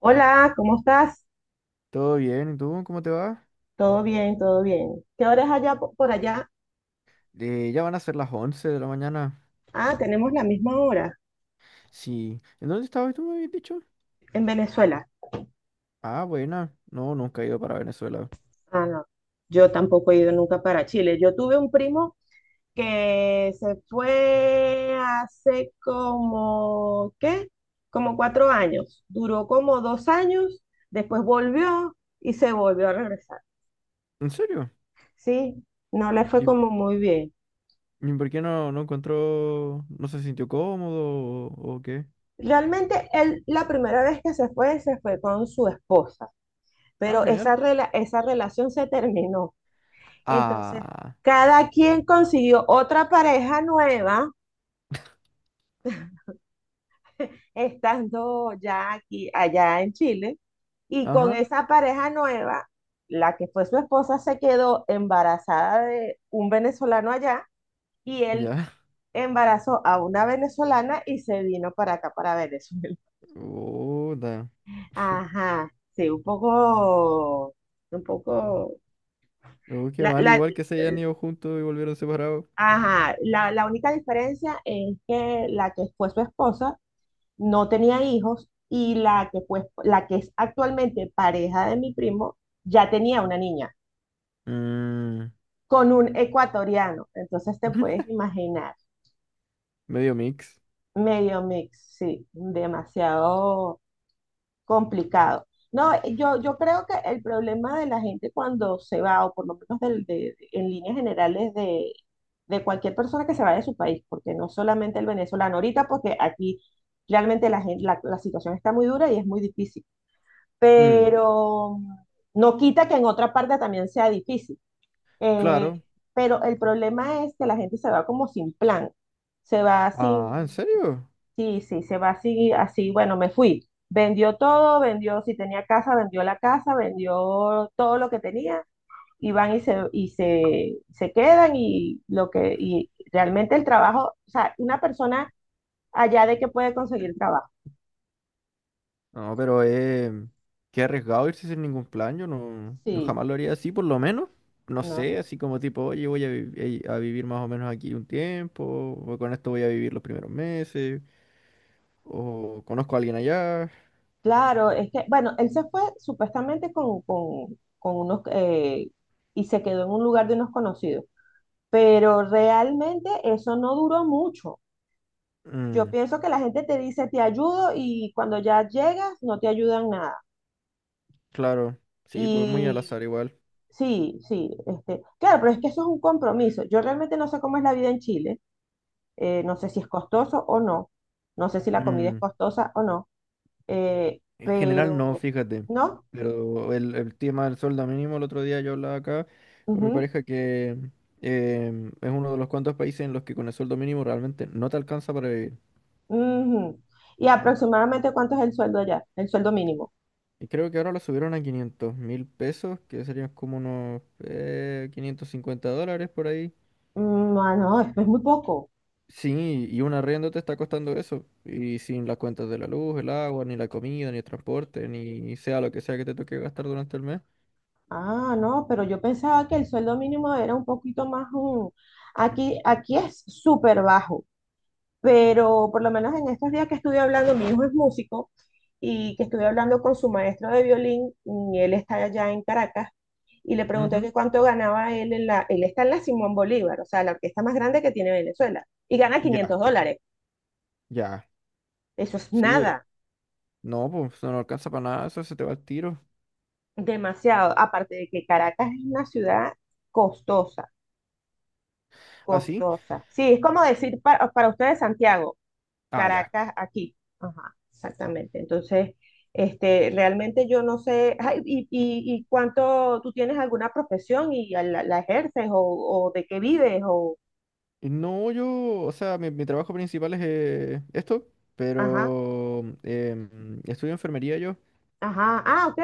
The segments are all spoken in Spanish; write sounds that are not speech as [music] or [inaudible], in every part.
Hola, ¿cómo estás? Todo bien, ¿y tú? ¿Cómo te va? Todo bien, todo bien. ¿Qué hora es allá por allá? Ya van a ser las 11 de la mañana. Ah, tenemos la misma hora Sí. ¿En dónde estabas tú, me habías dicho? en Venezuela. Ah, buena. No, nunca he ido para Venezuela. Ah, no. Yo tampoco he ido nunca para Chile. Yo tuve un primo que se fue hace como, ¿qué? Como 4 años. Duró como 2 años, después volvió y se volvió a regresar. ¿En serio? Sí, no le fue ¿Y, como muy bien. y por qué no encontró, no se sintió cómodo o qué? Realmente él, la primera vez que se fue con su esposa. Ah, Pero genial. esa relación se terminó. Entonces, Ah, cada quien consiguió otra pareja nueva, estando ya aquí, allá en Chile, y con ajá, esa pareja nueva, la que fue su esposa se quedó embarazada de un venezolano allá, y él ya. embarazó a una venezolana y se vino para acá, para Venezuela. [laughs] Oh, da. [laughs] [laughs] Ajá, sí, un poco, Oh, qué la, mal, la- igual que se hayan ido juntos y volvieron separados. Ajá, la única diferencia es que la que fue su esposa no tenía hijos y la que es actualmente pareja de mi primo ya tenía una niña Mm. con un ecuatoriano. Entonces te puedes [laughs] imaginar, Medio mix. medio mix, sí, demasiado complicado. No, yo creo que el problema de la gente cuando se va, o por lo menos en líneas generales de cualquier persona que se va de su país, porque no solamente el venezolano, ahorita porque aquí realmente la gente, la situación está muy dura y es muy difícil, Mm, pero no quita que en otra parte también sea difícil. Eh, claro. pero el problema es que la gente se va como sin plan, se va Ah, ¿en sin. serio? Sí, sí, se va así, así, bueno, me fui. Vendió todo, vendió, si tenía casa, vendió la casa, vendió todo lo que tenía y van y se, y se quedan y lo que, y realmente el trabajo, o sea, una persona allá de que puede conseguir trabajo. No, pero qué arriesgado irse sin ningún plan. Yo no, yo Sí, jamás lo haría así, por lo menos. No no, sé, no. así como tipo, oye, voy a, a vivir más o menos aquí un tiempo, o con esto voy a vivir los primeros meses, o conozco a alguien allá. Claro, es que, bueno, él se fue supuestamente con unos, y se quedó en un lugar de unos conocidos, pero realmente eso no duró mucho. Yo Mm, pienso que la gente te dice, te ayudo y cuando ya llegas no te ayudan nada. claro, sí, pues muy al Y azar igual. sí, sí, claro, pero es que eso es un compromiso. Yo realmente no sé cómo es la vida en Chile, no sé si es costoso o no, no sé si la comida es Mm, costosa o no, en general no, pero, fíjate. ¿no? Pero el tema del sueldo mínimo, el otro día yo hablaba acá con mi Ujú, pareja que es uno de los cuantos países en los que con el sueldo mínimo realmente no te alcanza para vivir. ujú. ¿Y aproximadamente cuánto es el sueldo allá? El sueldo mínimo. Y creo que ahora lo subieron a 500.000 pesos, que serían como unos 550 dólares por ahí. Mm. Ah, no, es muy poco. Sí, y un arriendo te está costando eso. Y sin las cuentas de la luz, el agua, ni la comida, ni el transporte, ni sea lo que sea que te toque gastar durante el mes. Ah, no, pero yo pensaba que el sueldo mínimo era un poquito más un... Aquí es súper bajo, pero por lo menos en estos días que estuve hablando, mi hijo es músico y que estuve hablando con su maestro de violín, y él está allá en Caracas, y le pregunté Ujú. que cuánto ganaba él en la... Él está en la Simón Bolívar, o sea, la orquesta más grande que tiene Venezuela, y gana Ya, $500. ya. Eso es Sí, nada, no, pues no alcanza para nada, eso se te va al tiro. demasiado. Aparte de que Caracas es una ciudad costosa. ¿Ah, sí? Costosa. Sí, es como decir para, ustedes Santiago, Ah, ya. Caracas aquí. Ajá, exactamente. Entonces, realmente yo no sé, ay, y cuánto tú tienes alguna profesión y la ejerces o de qué vives o. No, yo, o sea, mi trabajo principal es esto, Ajá, pero estudio enfermería yo. ajá, ah, ok.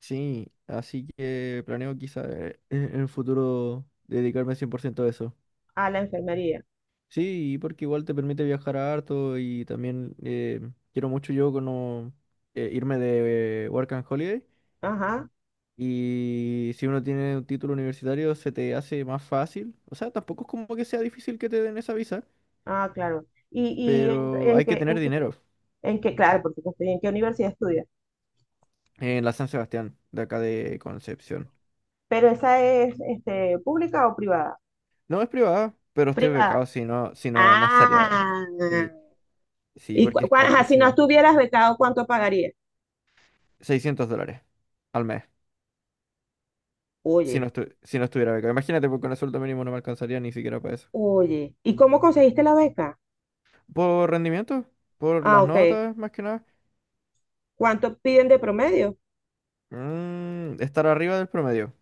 Sí, así que planeo quizá en el futuro dedicarme 100% a eso. A la enfermería. Sí, porque igual te permite viajar harto y también quiero mucho yo como, irme de Work and Holiday, Ajá, y si uno tiene un título universitario se te hace más fácil. O sea, tampoco es como que sea difícil que te den esa visa, ah, claro. Y en, pero en hay que qué, tener en qué, dinero en qué, claro, porque estoy en qué universidad estudias. en la San Sebastián, de acá de Concepción. ¿Pero esa es, pública o privada? No es privada, pero estoy Privada. becado, si no, si no, no estaría... Ah. sí. Sí, Y cua- porque es cua- ajá, si no carísima. estuvieras becado, ¿cuánto pagarías? 600 dólares al mes. Si no, Oye, si no estuviera becado. Imagínate, porque con el sueldo mínimo no me alcanzaría ni siquiera para eso. oye, ¿y cómo conseguiste la beca? ¿Por rendimiento? ¿Por Ah, las ok. notas, más que nada? ¿Cuánto piden de promedio? Mm, estar arriba del promedio.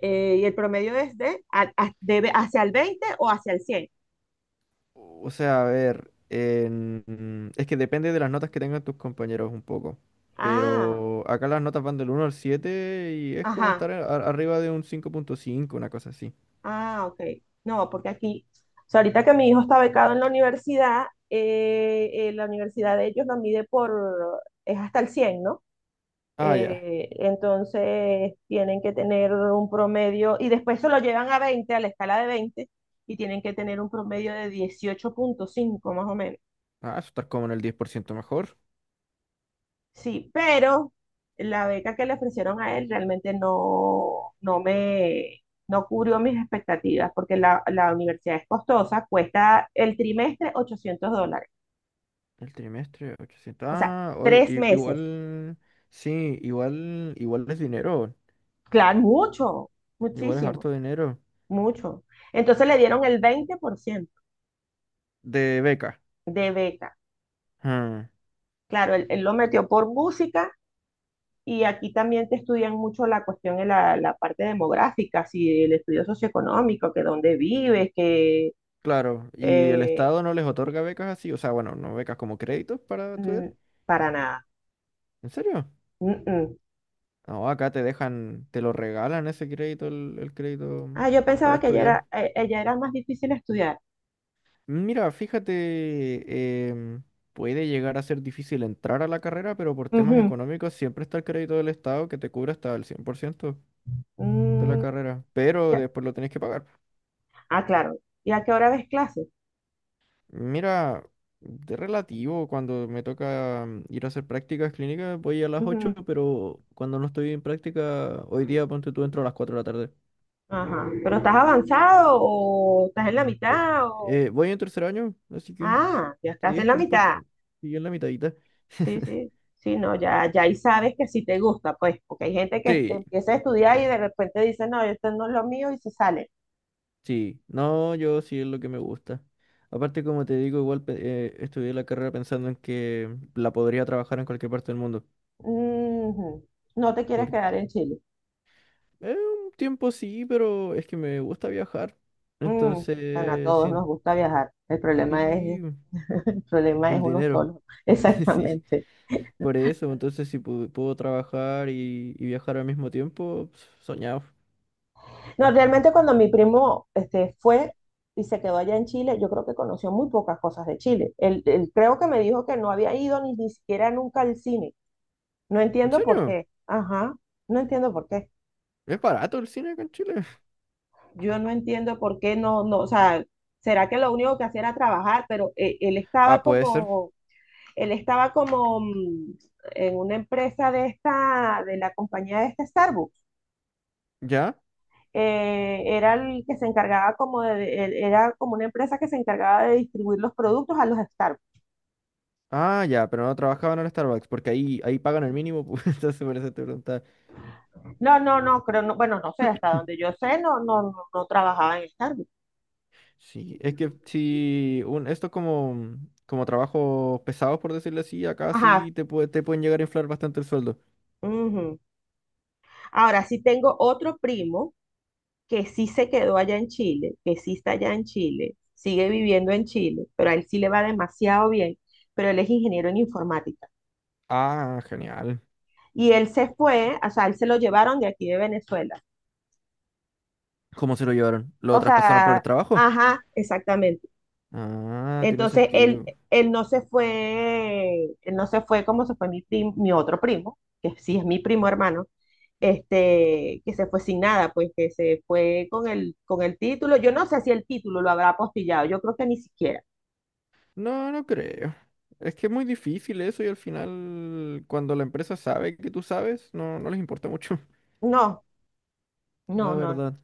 Y el promedio es de, hacia el 20 o hacia el cien. O sea, a ver, es que depende de las notas que tengan tus compañeros un poco. Ah, Pero acá las notas van del 1 al 7 y es como ajá, estar arriba de un 5,5, una cosa así. ah, ok. No, porque aquí, o sea, ahorita que mi hijo está becado en la universidad de ellos lo mide por, es hasta el cien, ¿no? Ah, ya. Entonces tienen que tener un promedio y después se lo llevan a 20, a la escala de 20 y tienen que tener un promedio de 18,5 más o menos. Ah, eso estar como en el 10% mejor. Sí, pero la beca que le ofrecieron a él realmente no cubrió mis expectativas porque la universidad es costosa, cuesta el trimestre $800, El trimestre, 800. o sea, Ah, oye, tres meses. igual, sí, igual, igual es dinero, Claro, mucho, igual es muchísimo, harto dinero mucho. Entonces le dieron el 20% de becas. de beca. Ah, Claro, él lo metió por música y aquí también te estudian mucho la cuestión de la parte demográfica, si el estudio socioeconómico, que dónde vives, que claro, y el eh, Estado no les otorga becas así, o sea, bueno, no becas como créditos para estudiar. mm, para nada. ¿En serio? Mm, mm. No, acá te dejan, te lo regalan ese crédito, el crédito Ah, yo para pensaba que allá estudiar. allá era más difícil estudiar. Mira, fíjate, puede llegar a ser difícil entrar a la carrera, pero por temas Ujú. económicos siempre está el crédito del Estado que te cubre hasta el 100% de la Mm, carrera, pero ya- después lo tenés que pagar. Ah, claro. ¿Y a qué hora ves clases? Mira, de relativo, cuando me toca ir a hacer prácticas clínicas, voy a las 8, Ujú. pero cuando no estoy en práctica, hoy día, ponte tú, entro a las 4 de la tarde. Ajá. ¿Pero estás avanzado o estás en la Eh, mitad? O... voy en tercer año, así que Ah, ya estás sí, en es la como un mitad. poco, y en la mitadita. Sí, [laughs] sí, sí, no, ya ahí sabes que sí te gusta, pues, porque hay gente que Sí, empieza a estudiar y de repente dice, no, esto no es lo mío y se sale. sí, no, yo sí es lo que me gusta. Aparte, como te digo, igual estudié la carrera pensando en que la podría trabajar en cualquier parte del mundo. Ujú. No te quieres quedar en Chile. Eh, un tiempo sí, pero es que me gusta viajar. Mm, bueno, a Entonces, todos sí, nos gusta viajar. El problema es, sí, [laughs] el problema es el uno dinero. solo. [laughs] [laughs] Sí, Exactamente. por eso. Entonces, si puedo trabajar y viajar al mismo tiempo, pues, soñado. No, realmente cuando mi primo fue y se quedó allá en Chile, yo creo que conoció muy pocas cosas de Chile. Él creo que me dijo que no había ido ni siquiera nunca al cine. No ¿En entiendo por serio? qué. Ajá, no entiendo por qué. ¿Es barato el cine acá en Chile? [laughs] Yo no entiendo por qué no, no, o sea, será que lo único que hacía era trabajar, pero él estaba Ah, puede ser. como, él estaba como en una empresa de esta, de la compañía de esta Starbucks. ¿Ya? Era el que se encargaba como de, era como una empresa que se encargaba de distribuir los productos a los Starbucks. Ah, ya, pero no trabajaba en el Starbucks, porque ahí pagan el mínimo, pues. [laughs] Entonces por eso te preguntaba. No, no, no, creo, no, bueno, no sé, hasta donde [laughs] yo sé, no, no, no, no trabajaba en Starbucks. Sí, es que si un, esto como, como trabajos pesados, por decirlo así, acá Ajá. sí te, puede, te pueden llegar a inflar bastante el sueldo. Ujú. Ahora sí tengo otro primo que sí se quedó allá en Chile, que sí está allá en Chile, sigue viviendo en Chile, pero a él sí le va demasiado bien, pero él es ingeniero en informática. Ah, genial. Y él se fue, o sea, él se lo llevaron de aquí de Venezuela. ¿Cómo se lo llevaron? ¿Lo O traspasaron por el sea, trabajo? ajá, exactamente. Ah, tiene Entonces, él, sentido. él no se fue, él no se fue como se fue mi otro primo, que sí es mi primo hermano, que se fue sin nada, pues que se fue con el título. Yo no sé si el título lo habrá apostillado, yo creo que ni siquiera. No, no creo. Es que es muy difícil eso y al final, cuando la empresa sabe que tú sabes, no, no les importa mucho. No, no, [laughs] La no, no. verdad.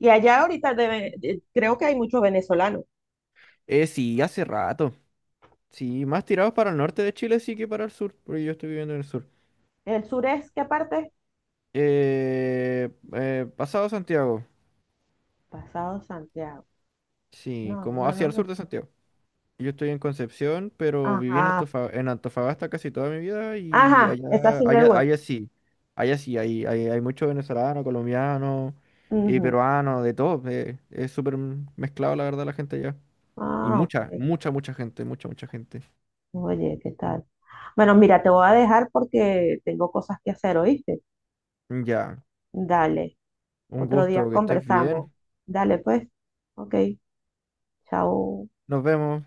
Y allá ahorita creo que hay muchos venezolanos. Sí, hace rato. Sí, más tirados para el norte de Chile sí que para el sur, porque yo estoy viviendo en el sur. ¿El sur es qué parte? Eh, pasado Santiago. Pasado Santiago. Sí, No, como no, no hacia el me. sur de Santiago. Yo estoy en Concepción, pero viví en Ajá, en Antofagasta casi toda mi vida y ajá, esa allá, sí me allá, gusta. Allá sí, hay muchos venezolanos, colombianos y Ujú. peruanos, de todo. Es súper mezclado, la verdad, la gente allá. Y Ah, mucha, ok. mucha, mucha gente, mucha, mucha gente. Oye, ¿qué tal? Bueno, mira, te voy a dejar porque tengo cosas que hacer, ¿oíste? Ya, Dale, un otro gusto, día que estés conversamos. bien. Dale, pues. Ok, chao. Nos vemos.